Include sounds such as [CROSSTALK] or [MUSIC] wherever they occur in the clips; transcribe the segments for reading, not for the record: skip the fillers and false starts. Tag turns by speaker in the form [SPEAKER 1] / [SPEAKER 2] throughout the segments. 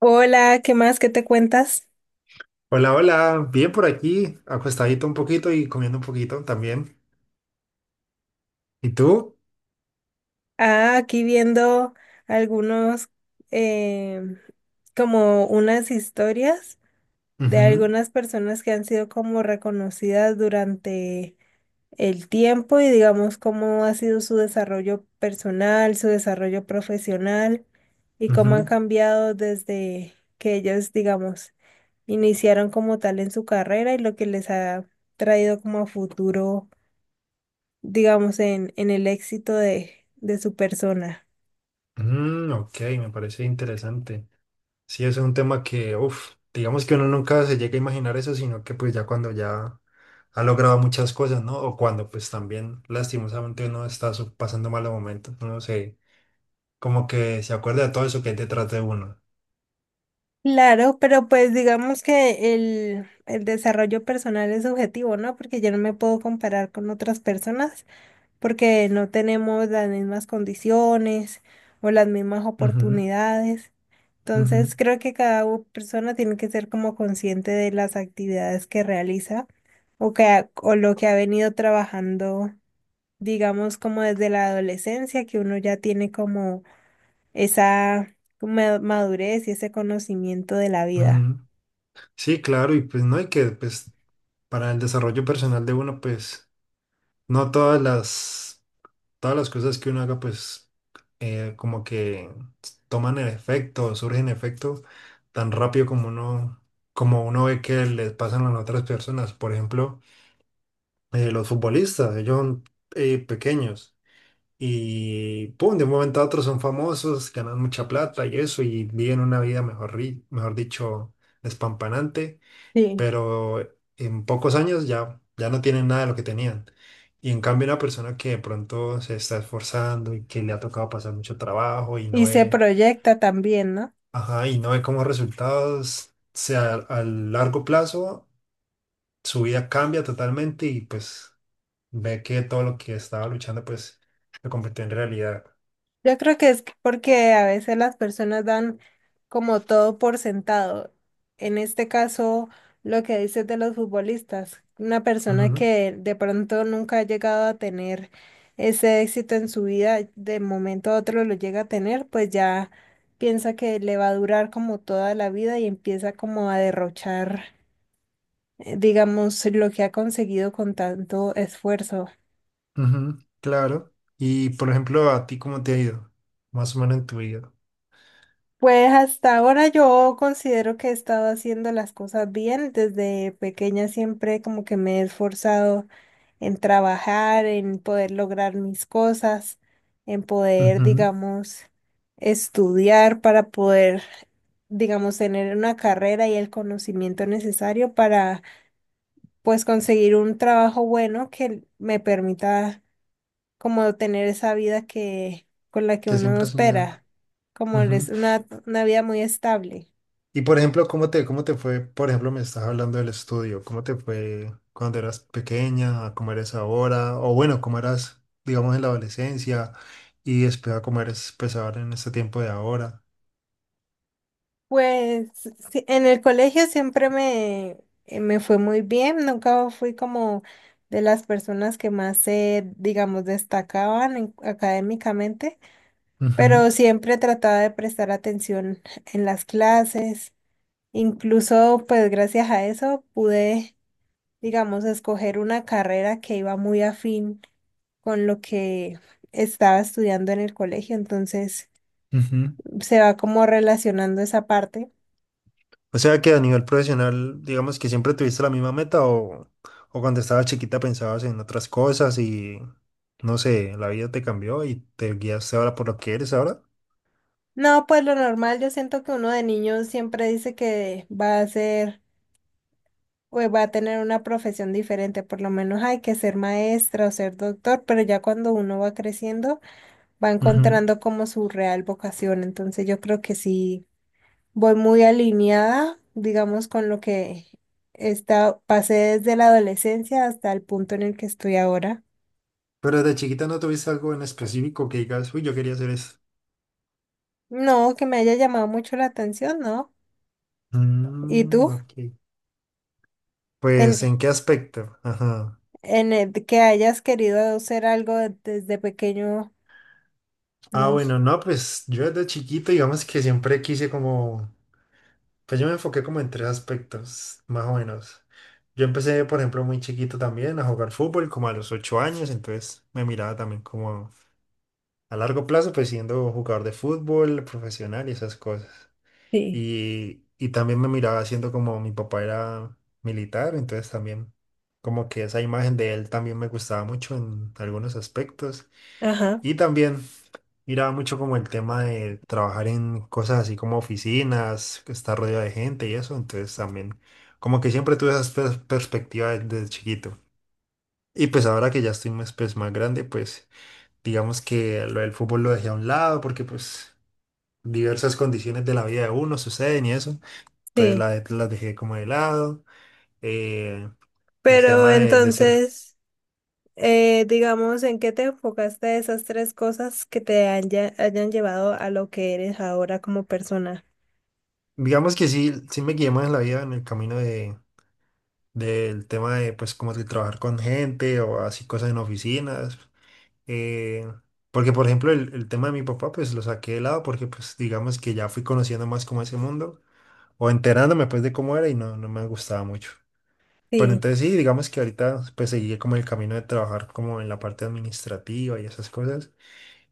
[SPEAKER 1] Hola, ¿qué más? ¿Qué te cuentas?
[SPEAKER 2] Hola, hola, bien por aquí, acostadito un poquito y comiendo un poquito también. ¿Y tú?
[SPEAKER 1] Ah, aquí viendo algunos, em, como unas historias de
[SPEAKER 2] Ujú,
[SPEAKER 1] algunas personas que han sido como reconocidas durante el tiempo y digamos cómo ha sido su desarrollo personal, su desarrollo profesional y cómo han
[SPEAKER 2] ujú.
[SPEAKER 1] cambiado desde que ellos, digamos, iniciaron como tal en su carrera y lo que les ha traído como a futuro digamos, en el éxito de su persona.
[SPEAKER 2] Mm, ok, me parece interesante. Sí, es un tema que, uff, digamos que uno nunca se llega a imaginar eso, sino que pues ya cuando ya ha logrado muchas cosas, ¿no? O cuando pues también lastimosamente uno está pasando malos momentos, uno se, como que se acuerda de todo eso que hay detrás de uno.
[SPEAKER 1] Claro, pero pues digamos que el desarrollo personal es subjetivo, ¿no? Porque yo no me puedo comparar con otras personas porque no tenemos las mismas condiciones o las mismas
[SPEAKER 2] Ujú,
[SPEAKER 1] oportunidades.
[SPEAKER 2] ujú,
[SPEAKER 1] Entonces creo que cada persona tiene que ser como consciente de las actividades que realiza o que ha- o lo que ha venido trabajando, digamos, como desde la adolescencia, que uno ya tiene como esa madurez y ese conocimiento de la vida.
[SPEAKER 2] ujú. Sí, claro, y pues no hay que, pues para el desarrollo personal de uno, pues no todas todas las cosas que uno haga, pues como que toman el efecto, surgen efecto tan rápido como como uno ve que les pasan a las otras personas. Por ejemplo, los futbolistas, ellos son pequeños y pum, de un momento a otro son famosos, ganan mucha plata y eso, y viven una vida, mejor, mejor dicho, despampanante,
[SPEAKER 1] Sí.
[SPEAKER 2] pero en pocos años ya no tienen nada de lo que tenían. Y en cambio una persona que de pronto se está esforzando y que le ha tocado pasar mucho trabajo y no
[SPEAKER 1] Y se
[SPEAKER 2] ve,
[SPEAKER 1] proyecta también, ¿no?
[SPEAKER 2] ajá, y no ve como resultados, sea, a largo plazo su vida cambia totalmente y pues ve que todo lo que estaba luchando pues lo convirtió en realidad.
[SPEAKER 1] Yo creo que es porque a veces las personas dan como todo por sentado. En este caso, lo que dices de los futbolistas, una persona
[SPEAKER 2] Ujú,
[SPEAKER 1] que de pronto nunca ha llegado a tener ese éxito en su vida, de momento a otro lo llega a tener, pues ya piensa que le va a durar como toda la vida y empieza como a derrochar digamos, lo que ha conseguido con tanto esfuerzo.
[SPEAKER 2] ujú, claro. Y por ejemplo, ¿a ti cómo te ha ido? Más o menos en tu vida.
[SPEAKER 1] Pues hasta ahora yo considero que he estado haciendo las cosas bien. Desde pequeña siempre como que me he esforzado en trabajar, en poder lograr mis cosas, en poder,
[SPEAKER 2] Ujú.
[SPEAKER 1] digamos, estudiar para poder, digamos, tener una carrera y el conocimiento necesario para, pues, conseguir un trabajo bueno que me permita como tener esa vida que con la que
[SPEAKER 2] Que
[SPEAKER 1] uno
[SPEAKER 2] siempre has soñado.
[SPEAKER 1] espera, como
[SPEAKER 2] Ujú.
[SPEAKER 1] es una vida muy estable.
[SPEAKER 2] Y por ejemplo, ¿cómo cómo te fue? Por ejemplo, me estás hablando del estudio. ¿Cómo te fue cuando eras pequeña? ¿A cómo eres ahora? O bueno, ¿cómo eras, digamos, en la adolescencia? Y después a cómo eres, pues, ahora en este tiempo de ahora.
[SPEAKER 1] Pues sí, en el colegio siempre me, me fue muy bien, nunca fui como de las personas que más se, digamos, destacaban académicamente,
[SPEAKER 2] Ujú,
[SPEAKER 1] pero siempre trataba de prestar atención en las clases. Incluso, pues gracias a eso pude, digamos, escoger una carrera que iba muy afín con lo que estaba estudiando en el colegio, entonces
[SPEAKER 2] ujú.
[SPEAKER 1] se va como relacionando esa parte.
[SPEAKER 2] O sea que a nivel profesional, digamos que siempre tuviste la misma meta o o cuando estabas chiquita pensabas en otras cosas y, no sé, la vida te cambió y te guiaste ahora por lo que eres ahora.
[SPEAKER 1] No, pues lo normal, yo siento que uno de niños siempre dice que va a ser, o va a tener una profesión diferente, por lo menos hay que ser maestra o ser doctor, pero ya cuando uno va creciendo, va
[SPEAKER 2] Ujú.
[SPEAKER 1] encontrando como su real vocación, entonces yo creo que sí, voy muy alineada, digamos, con lo que está, pasé desde la adolescencia hasta el punto en el que estoy ahora.
[SPEAKER 2] Pero desde chiquita no tuviste algo en específico que digas, uy, yo quería hacer esto.
[SPEAKER 1] No, que me haya llamado mucho la atención, ¿no? ¿Y
[SPEAKER 2] Mm,
[SPEAKER 1] tú?
[SPEAKER 2] ok. Pues,
[SPEAKER 1] Ten-
[SPEAKER 2] ¿en qué aspecto? Ajá.
[SPEAKER 1] en el que hayas querido hacer algo desde pequeño,
[SPEAKER 2] Ah,
[SPEAKER 1] no sé.
[SPEAKER 2] bueno, no, pues yo desde chiquito, digamos que siempre quise como, pues yo me enfoqué como en tres aspectos, más o menos. Yo empecé, por ejemplo, muy chiquito también a jugar fútbol, como a los 8 años, entonces me miraba también como a largo plazo, pues siendo jugador de fútbol profesional y esas cosas.
[SPEAKER 1] Sí,
[SPEAKER 2] Y también me miraba haciendo como mi papá era militar, entonces también como que esa imagen de él también me gustaba mucho en algunos aspectos.
[SPEAKER 1] ajá,
[SPEAKER 2] Y también miraba mucho como el tema de trabajar en cosas así como oficinas, que estar rodeado de gente y eso, entonces también como que siempre tuve esas perspectivas desde chiquito. Y pues ahora que ya estoy más, pues, más grande, pues digamos que lo del fútbol lo dejé a un lado porque pues diversas condiciones de la vida de uno suceden y eso. Entonces
[SPEAKER 1] sí.
[SPEAKER 2] las dejé como de lado. Eh, el
[SPEAKER 1] Pero
[SPEAKER 2] tema de ser,
[SPEAKER 1] entonces, digamos, ¿en qué te enfocaste de esas tres cosas que te hayan llevado a lo que eres ahora como persona?
[SPEAKER 2] digamos que sí me guié más en la vida en el camino de, del tema de, pues, como de trabajar con gente o así cosas en oficinas. Eh, Porque, por ejemplo, el tema de mi papá, pues lo saqué de lado porque, pues, digamos que ya fui conociendo más como ese mundo o enterándome, pues, de cómo era y no me gustaba mucho. Pero
[SPEAKER 1] Sí.
[SPEAKER 2] entonces sí, digamos que ahorita, pues, seguí como el camino de trabajar como en la parte administrativa y esas cosas.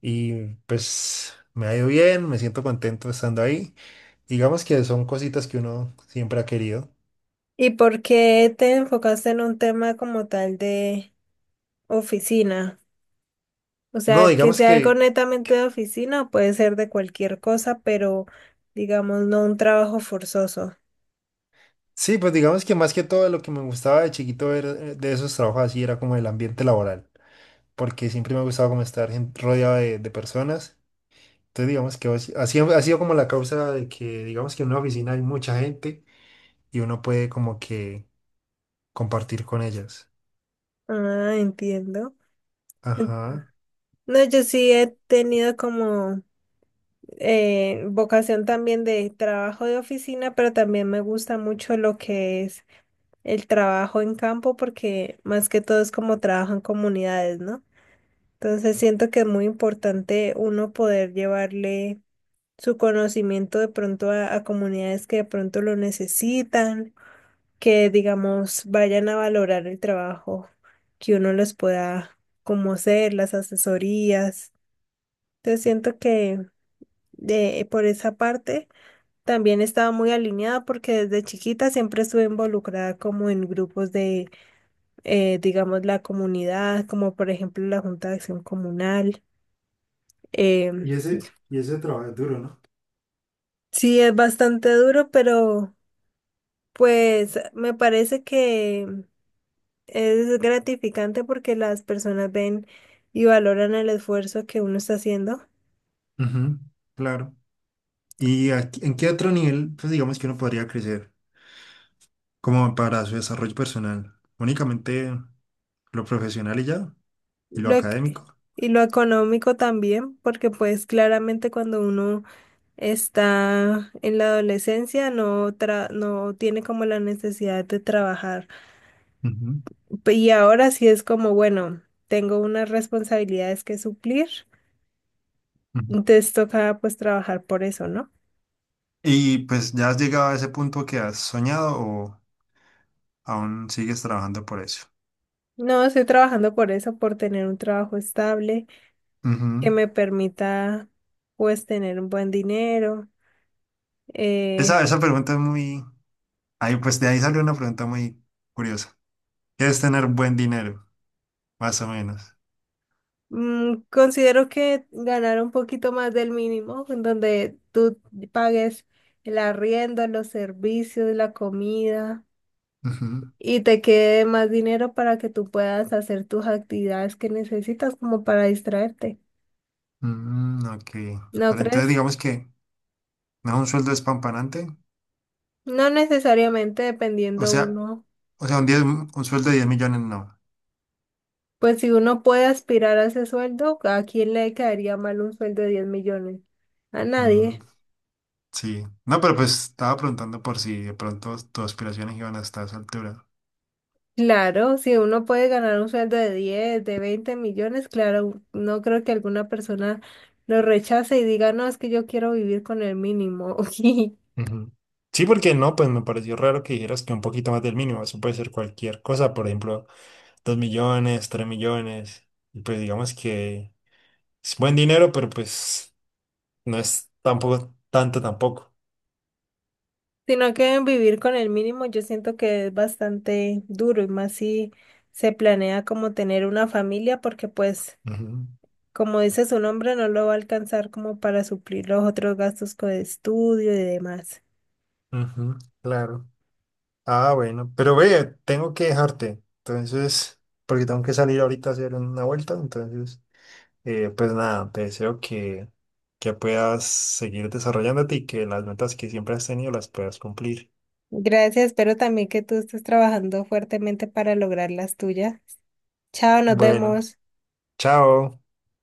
[SPEAKER 2] Y pues me ha ido bien, me siento contento estando ahí. Digamos que son cositas que uno siempre ha querido.
[SPEAKER 1] ¿Y por qué te enfocaste en un tema como tal de oficina? O
[SPEAKER 2] No,
[SPEAKER 1] sea, que
[SPEAKER 2] digamos
[SPEAKER 1] sea algo
[SPEAKER 2] que,
[SPEAKER 1] netamente de oficina, o puede ser de cualquier cosa, pero digamos, no un trabajo forzoso.
[SPEAKER 2] sí, pues digamos que más que todo lo que me gustaba de chiquito ver de esos trabajos así era como el ambiente laboral, porque siempre me ha gustado como estar rodeado de personas. Entonces digamos que así ha sido como la causa de que digamos que en una oficina hay mucha gente y uno puede como que compartir con ellas.
[SPEAKER 1] Ah, entiendo. En-
[SPEAKER 2] Ajá.
[SPEAKER 1] No, yo sí he tenido como vocación también de trabajo de oficina, pero también me gusta mucho lo que es el trabajo en campo, porque más que todo es como trabajo en comunidades, ¿no? Entonces siento que es muy importante uno poder llevarle su conocimiento de pronto a comunidades que de pronto lo necesitan, que digamos vayan a valorar el trabajo que uno les pueda como hacer, las asesorías. Entonces siento que de, por esa parte también estaba muy alineada porque desde chiquita siempre estuve involucrada como en grupos de, digamos, la comunidad, como por ejemplo la Junta de Acción Comunal. Em,
[SPEAKER 2] Y ese trabajo es duro, ¿no?
[SPEAKER 1] sí, es bastante duro, pero... Pues me parece que es gratificante porque las personas ven y valoran el esfuerzo que uno está haciendo.
[SPEAKER 2] Ujú, claro. ¿Y en qué otro nivel, pues digamos que uno podría crecer como para su desarrollo personal? Únicamente lo profesional y ya, y lo
[SPEAKER 1] Lo, ec-
[SPEAKER 2] académico.
[SPEAKER 1] y lo económico también, porque pues claramente cuando uno está en la adolescencia no tiene como la necesidad de trabajar.
[SPEAKER 2] Ujú,
[SPEAKER 1] Y ahora sí es como, bueno, tengo unas responsabilidades que suplir,
[SPEAKER 2] ujú.
[SPEAKER 1] entonces toca pues trabajar por eso, ¿no?
[SPEAKER 2] ¿Y pues ya has llegado a ese punto que has soñado o aún sigues trabajando por eso?
[SPEAKER 1] No, estoy trabajando por eso, por tener un trabajo estable que
[SPEAKER 2] Ujú.
[SPEAKER 1] me permita pues tener un buen dinero.
[SPEAKER 2] Esa,
[SPEAKER 1] Eh,
[SPEAKER 2] esa pregunta es muy... Ahí, pues de ahí salió una pregunta muy curiosa. ¿Qué es tener buen dinero? Más o menos.
[SPEAKER 1] considero que ganar un poquito más del mínimo, en donde tú pagues el arriendo, los servicios, la comida
[SPEAKER 2] Ujú.
[SPEAKER 1] y te quede más dinero para que tú puedas hacer tus actividades que necesitas como para distraerte.
[SPEAKER 2] Mm, ok.
[SPEAKER 1] ¿No
[SPEAKER 2] Pero entonces
[SPEAKER 1] crees?
[SPEAKER 2] digamos que no es un sueldo espampanante.
[SPEAKER 1] No necesariamente
[SPEAKER 2] O
[SPEAKER 1] dependiendo
[SPEAKER 2] sea,
[SPEAKER 1] uno.
[SPEAKER 2] O sea, diez un sueldo de 10 millones, no.
[SPEAKER 1] Pues si uno puede aspirar a ese sueldo, ¿a quién le caería mal un sueldo de 10 millones? A
[SPEAKER 2] Mm,
[SPEAKER 1] nadie.
[SPEAKER 2] sí. No, pero pues estaba preguntando por si de pronto tus aspiraciones iban hasta esa altura.
[SPEAKER 1] Claro, si uno puede ganar un sueldo de 10, de 20 millones, claro, no creo que alguna persona lo rechace y diga, no, es que yo quiero vivir con el mínimo,
[SPEAKER 2] Ujú. Sí, porque no, pues me pareció raro que dijeras que un poquito más del mínimo, eso puede ser cualquier cosa, por ejemplo, 2 millones, 3 millones, y pues digamos que es buen dinero, pero pues no es tampoco tanto tampoco.
[SPEAKER 1] [LAUGHS] sino que vivir con el mínimo yo siento que es bastante duro y más si se planea como tener una familia, porque pues,
[SPEAKER 2] Ujú,
[SPEAKER 1] como dice su nombre, no lo va a alcanzar como para suplir los otros gastos con estudio y demás.
[SPEAKER 2] ujú, claro. Ah, bueno, pero ve, tengo que dejarte, entonces, porque tengo que salir ahorita a hacer una vuelta, entonces, eh, pues nada, te deseo que puedas seguir desarrollándote y que las metas que siempre has tenido las puedas cumplir.
[SPEAKER 1] Gracias, espero también que tú estés trabajando fuertemente para lograr las tuyas. Chao, nos
[SPEAKER 2] Bueno,
[SPEAKER 1] vemos.
[SPEAKER 2] chao.